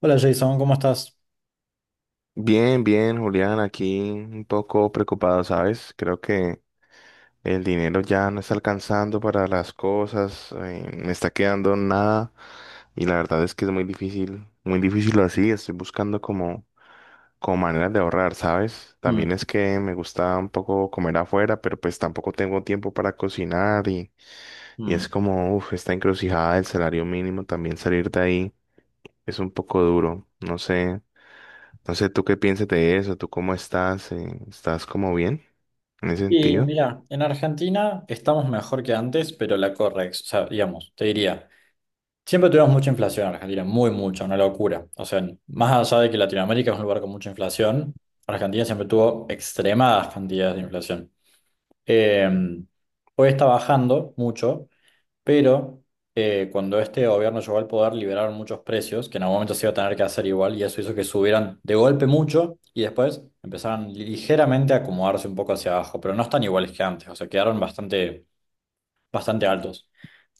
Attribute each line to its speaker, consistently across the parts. Speaker 1: Hola Jason, ¿cómo estás?
Speaker 2: Bien, bien, Julián, aquí un poco preocupado, ¿sabes? Creo que el dinero ya no está alcanzando para las cosas, me está quedando nada y la verdad es que es muy difícil así, estoy buscando como maneras de ahorrar, ¿sabes? También
Speaker 1: Mm,
Speaker 2: es que me gusta un poco comer afuera, pero pues tampoco tengo tiempo para cocinar y
Speaker 1: mm.
Speaker 2: es como, uff, esta encrucijada del salario mínimo, también salir de ahí es un poco duro, no sé, no sé, ¿tú qué piensas de eso? ¿Tú cómo estás? ¿Estás como bien en ese
Speaker 1: Y
Speaker 2: sentido?
Speaker 1: mira, en Argentina estamos mejor que antes, pero la correx, o sea, digamos, te diría, siempre tuvimos mucha inflación en Argentina, muy mucha, una locura. O sea, más allá de que Latinoamérica es un lugar con mucha inflación, Argentina siempre tuvo extremadas cantidades de inflación. Eh, hoy está bajando mucho, pero cuando este gobierno llegó al poder, liberaron muchos precios que en algún momento se iba a tener que hacer igual y eso hizo que subieran de golpe mucho y después empezaron ligeramente a acomodarse un poco hacia abajo, pero no están iguales que antes, o sea, quedaron bastante altos.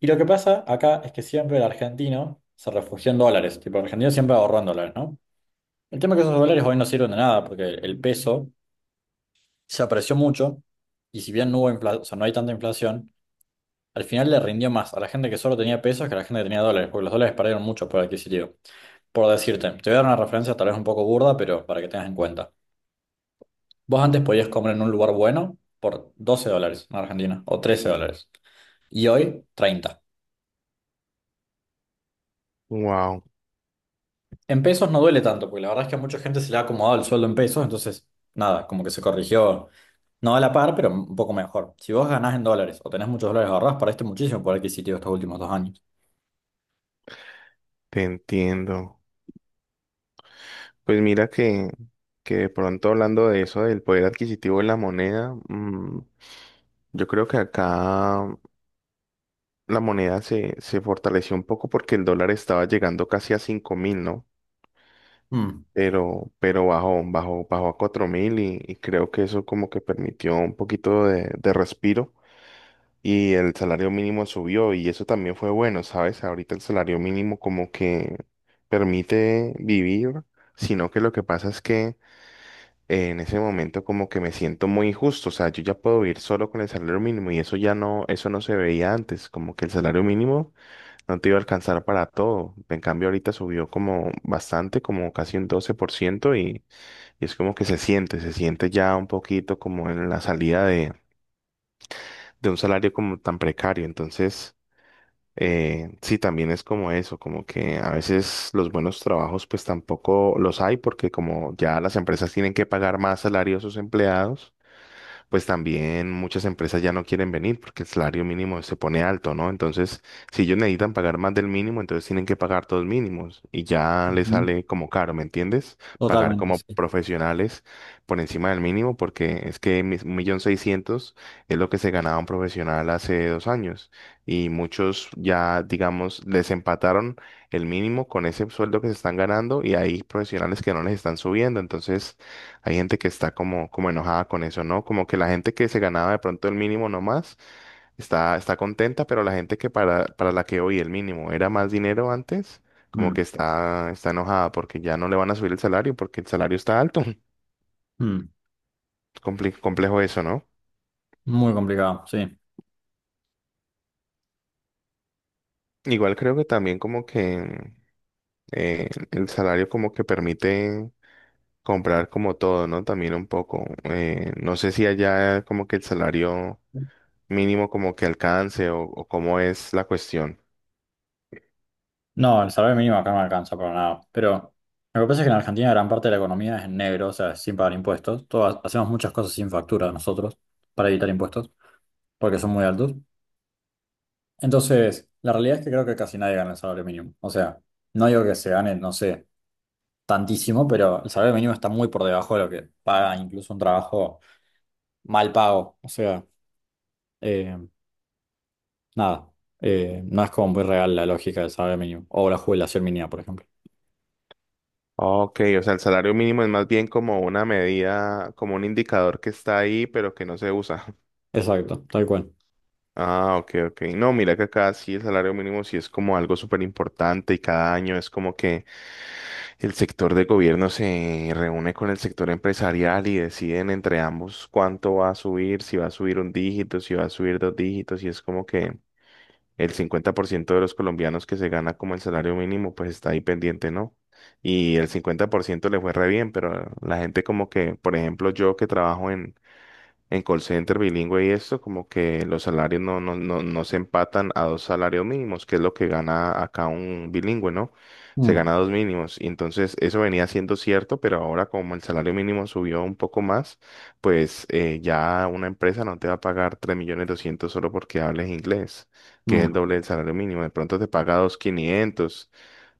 Speaker 1: Y lo que pasa acá es que siempre el argentino se refugió en dólares, tipo el argentino siempre ahorró en dólares, ¿no? El tema es que esos dólares hoy no sirven de nada porque el peso se apreció mucho y si bien no hubo infla- o sea, no hay tanta inflación, al final le rindió más a la gente que solo tenía pesos que a la gente que tenía dólares, porque los dólares perdieron mucho por adquisitivo. Por decirte, te voy a dar una referencia tal vez un poco burda, pero para que tengas en cuenta. Vos antes podías comer en un lugar bueno por 12 dólares en Argentina, o 13 dólares, y hoy 30.
Speaker 2: Wow,
Speaker 1: En pesos no duele tanto, porque la verdad es que a mucha gente se le ha acomodado el sueldo en pesos, entonces nada, como que se corrigió, no a la par, pero un poco mejor. Si vos ganás en dólares o tenés muchos dólares ahorrados, perdiste muchísimo por adquisitivo estos últimos 2 años.
Speaker 2: te entiendo. Pues mira que de pronto hablando de eso, del poder adquisitivo de la moneda, yo creo que acá la moneda se fortaleció un poco porque el dólar estaba llegando casi a 5.000, ¿no?
Speaker 1: Mm.
Speaker 2: Pero bajó, bajó, bajó a 4.000 y creo que eso como que permitió un poquito de respiro y el salario mínimo subió y eso también fue bueno, ¿sabes? Ahorita el salario mínimo como que permite vivir, sino que lo que pasa es que en ese momento como que me siento muy injusto, o sea, yo ya puedo vivir solo con el salario mínimo y eso ya no, eso no se veía antes, como que el salario mínimo no te iba a alcanzar para todo, en cambio ahorita subió como bastante, como casi un 12% y es como que se siente ya un poquito como en la salida de un salario como tan precario, entonces. Sí, también es como eso, como que a veces los buenos trabajos pues tampoco los hay porque como ya las empresas tienen que pagar más salario a sus empleados pues también muchas empresas ya no quieren venir porque el salario mínimo se pone alto, ¿no? Entonces, si ellos necesitan pagar más del mínimo, entonces tienen que pagar todos mínimos y ya les
Speaker 1: Ujú,
Speaker 2: sale como caro, ¿me entiendes? Pagar
Speaker 1: totalmente,
Speaker 2: como
Speaker 1: sí.
Speaker 2: profesionales por encima del mínimo porque es que 1.600.000 es lo que se ganaba un profesional hace 2 años y muchos ya, digamos, les empataron el mínimo con ese sueldo que se están ganando y hay profesionales que no les están subiendo, entonces hay gente que está como, como enojada con eso, ¿no? Como que la gente que se ganaba de pronto el mínimo nomás está contenta, pero la gente que para la que hoy el mínimo era más dinero antes, como
Speaker 1: Mm,
Speaker 2: que está enojada porque ya no le van a subir el salario porque el salario está alto.
Speaker 1: mm.
Speaker 2: Complejo eso, ¿no?
Speaker 1: Muy complicado, sí.
Speaker 2: Igual creo que también como que el salario como que permite comprar como todo, ¿no? También un poco. No sé si allá como que el salario mínimo como que alcance o cómo es la cuestión.
Speaker 1: No, el salario mínimo acá no alcanza para nada. Pero lo que pasa es que en Argentina gran parte de la economía es en negro, o sea, es sin pagar impuestos. Todos hacemos muchas cosas sin factura nosotros para evitar impuestos, porque son muy altos. Entonces, la realidad es que creo que casi nadie gana el salario mínimo. O sea, no digo que se gane, no sé, tantísimo, pero el salario mínimo está muy por debajo de lo que paga incluso un trabajo mal pago. O sea, eh, nada, no es como muy real la lógica del salario mínimo o la jubilación mínima, por ejemplo.
Speaker 2: Ok, o sea, el salario mínimo es más bien como una medida, como un indicador que está ahí, pero que no se usa.
Speaker 1: Exacto, tal cual.
Speaker 2: Ah, ok, ok. No, mira que acá sí el salario mínimo sí es como algo súper importante y cada año es como que el sector de gobierno se reúne con el sector empresarial y deciden entre ambos cuánto va a subir, si va a subir un dígito, si va a subir dos dígitos y es como que. El 50% de los colombianos que se gana como el salario mínimo, pues está ahí pendiente, ¿no? Y el 50% le fue re bien, pero la gente como que, por ejemplo, yo que trabajo en call center bilingüe y esto, como que los salarios no, no, no, no se empatan a dos salarios mínimos, que es lo que gana acá un bilingüe, ¿no? Se
Speaker 1: Mm,
Speaker 2: gana dos mínimos. Y entonces eso venía siendo cierto, pero ahora como el salario mínimo subió un poco más, pues ya una empresa no te va a pagar 3.200.000 solo porque hables inglés, que es el
Speaker 1: mm,
Speaker 2: doble del salario mínimo. De pronto te paga 2.500.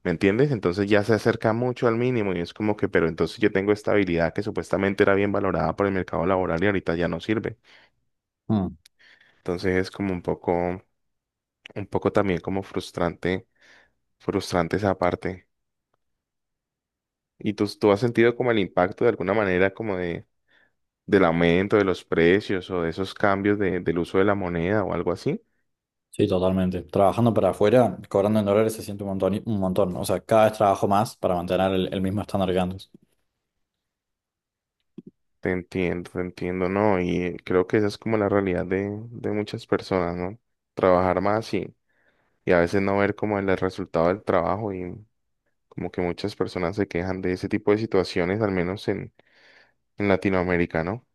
Speaker 2: ¿Me entiendes? Entonces ya se acerca mucho al mínimo y es como que, pero entonces yo tengo esta habilidad que supuestamente era bien valorada por el mercado laboral y ahorita ya no sirve.
Speaker 1: mm.
Speaker 2: Entonces es como un poco también como frustrante, frustrante esa parte. ¿Y tú has sentido como el impacto de alguna manera como del aumento de los precios o de esos cambios del uso de la moneda o algo así?
Speaker 1: Sí, totalmente. Trabajando para afuera, cobrando en dólares se siente un montón, un montón, ¿no? O sea, cada vez trabajo más para mantener el mismo estándar que antes.
Speaker 2: Te entiendo, ¿no? Y creo que esa es como la realidad de muchas personas, ¿no? Trabajar más, y a veces no ver como el resultado del trabajo y como que muchas personas se quejan de ese tipo de situaciones, al menos en Latinoamérica, ¿no?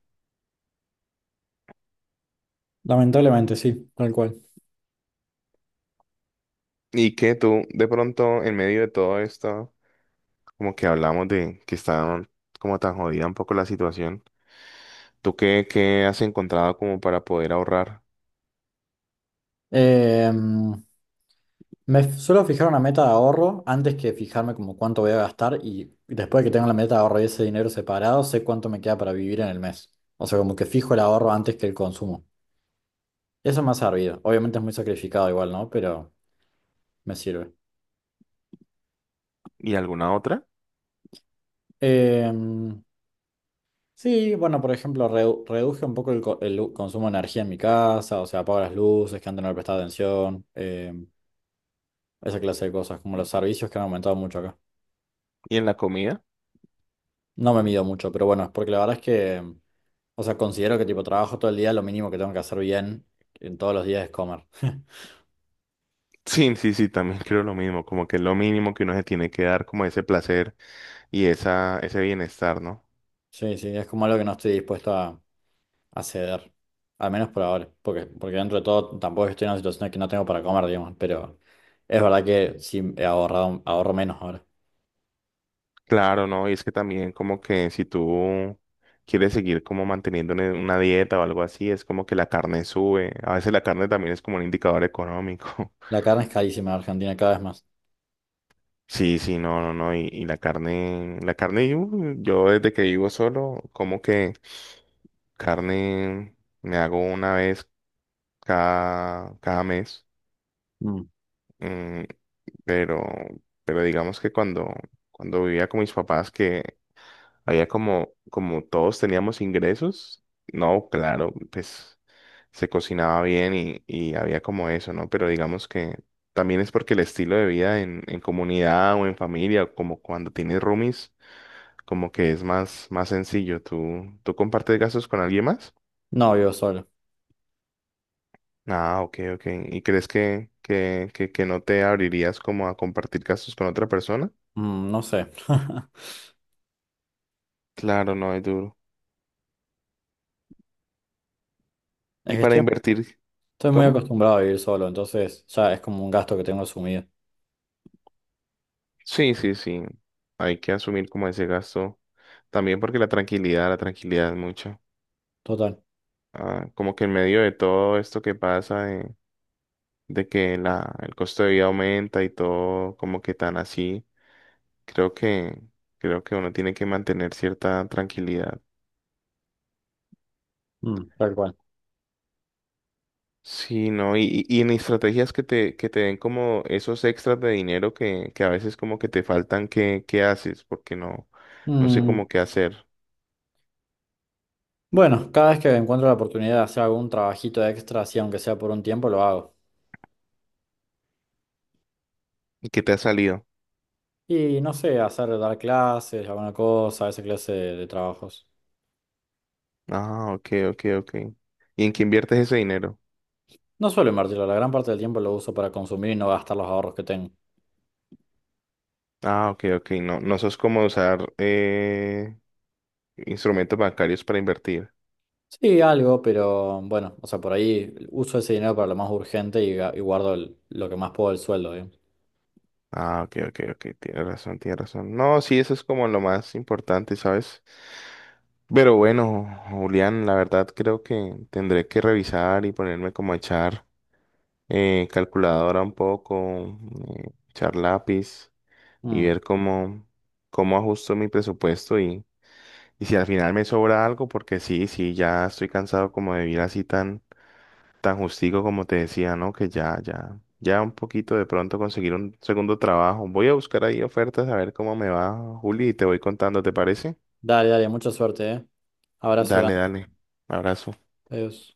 Speaker 1: Lamentablemente, sí, tal cual.
Speaker 2: Y que tú de pronto en medio de todo esto, como que hablamos de que está como tan jodida un poco la situación, ¿tú qué has encontrado como para poder ahorrar?
Speaker 1: Eh, suelo fijar una meta de ahorro antes que fijarme como cuánto voy a gastar y después de que tengo la meta de ahorro y ese dinero separado, sé cuánto me queda para vivir en el mes. O sea, como que fijo el ahorro antes que el consumo. Eso me ha servido. Obviamente es muy sacrificado igual, ¿no? Pero me sirve.
Speaker 2: ¿Y alguna otra?
Speaker 1: Eh, Sí, bueno, por ejemplo, reduje un poco el consumo de energía en mi casa, o sea, apago las luces, que antes no le prestaba atención, esa clase de cosas, como los servicios que han aumentado mucho acá.
Speaker 2: ¿Y en la comida?
Speaker 1: No me mido mucho, pero bueno, es porque la verdad es que, o sea, considero que tipo trabajo todo el día, lo mínimo que tengo que hacer bien en todos los días es comer.
Speaker 2: Sí, sí, sí, también creo lo mismo, como que es lo mínimo que uno se tiene que dar como ese placer y esa, ese bienestar, ¿no?
Speaker 1: Sí, sí, es como algo que no estoy dispuesto a ceder, al menos por ahora, porque, porque dentro de todo tampoco estoy en una situación en que no tengo para comer, digamos, pero es verdad que sí he ahorrado, ahorro menos ahora.
Speaker 2: Claro, ¿no? Y es que también como que si tú quieres seguir como manteniendo una dieta o algo así, es como que la carne sube. A veces la carne también es como un indicador económico.
Speaker 1: La carne es carísima en Argentina, cada vez más.
Speaker 2: Sí, sí, no, no, no. Y la carne, yo desde que vivo solo, como que carne me hago una vez cada mes.
Speaker 1: Mm.
Speaker 2: mm, pero, digamos que cuando vivía con mis papás, que había como, como todos teníamos ingresos, no, claro, pues se cocinaba bien y había como eso, ¿no? Pero digamos que también es porque el estilo de vida en comunidad o en familia, o como cuando tienes roomies, como que es más, más sencillo. Tú compartes gastos con alguien más?
Speaker 1: No vivo solo.
Speaker 2: Ah, ok, ok. ¿Y crees que no te abrirías como a compartir gastos con otra persona?
Speaker 1: Mm, no sé.
Speaker 2: Claro, no es duro.
Speaker 1: Es
Speaker 2: ¿Y
Speaker 1: que
Speaker 2: para
Speaker 1: estoy,
Speaker 2: invertir?
Speaker 1: estoy muy
Speaker 2: ¿Cómo?
Speaker 1: acostumbrado a vivir solo, entonces ya es como un gasto que tengo asumido.
Speaker 2: Sí, sí, sí. Hay que asumir como ese gasto. También porque la tranquilidad es mucho.
Speaker 1: Total.
Speaker 2: Ah, como que en medio de todo esto que pasa, de que el costo de vida aumenta y todo como que tan así, creo creo que uno tiene que mantener cierta tranquilidad.
Speaker 1: Mm. Tal cual.
Speaker 2: Sí, ¿no? Y en estrategias que te den como esos extras de dinero que a veces como que te faltan, qué haces? Porque no, no sé
Speaker 1: Mm,
Speaker 2: cómo qué hacer.
Speaker 1: bueno, cada vez que encuentro la oportunidad de hacer algún trabajito extra, así aunque sea por un tiempo, lo hago.
Speaker 2: ¿Y qué te ha salido?
Speaker 1: Y no sé, hacer, dar clases, alguna cosa, esa clase de trabajos.
Speaker 2: Ah, ok, ok, ok. ¿Y en qué inviertes ese dinero?
Speaker 1: No suelo invertirlo, la gran parte del tiempo lo uso para consumir y no gastar los ahorros que tengo.
Speaker 2: Ah, ok, ok. No, no sos como usar instrumentos bancarios para invertir.
Speaker 1: Sí, algo, pero bueno, o sea, por ahí uso ese dinero para lo más urgente y y guardo lo que más puedo del sueldo, digamos.
Speaker 2: Ah, ok, ok, ok. Tienes razón, tienes razón. No, sí, eso es como lo más importante, ¿sabes? Pero bueno, Julián, la verdad creo que tendré que revisar y ponerme como a echar calculadora un poco, echar lápiz y
Speaker 1: Mm.
Speaker 2: ver cómo, cómo ajusto mi presupuesto. Y si al final me sobra algo, porque sí, sí, ya estoy cansado como de vivir así tan, tan justico como te decía, ¿no? Que ya, ya, ya un poquito de pronto conseguir un segundo trabajo. Voy a buscar ahí ofertas a ver cómo me va, Juli, y te voy contando, ¿te parece?
Speaker 1: Dale, dale, mucha suerte, ¿eh? Abrazo
Speaker 2: Dale,
Speaker 1: grande.
Speaker 2: dale. Abrazo.
Speaker 1: Adiós.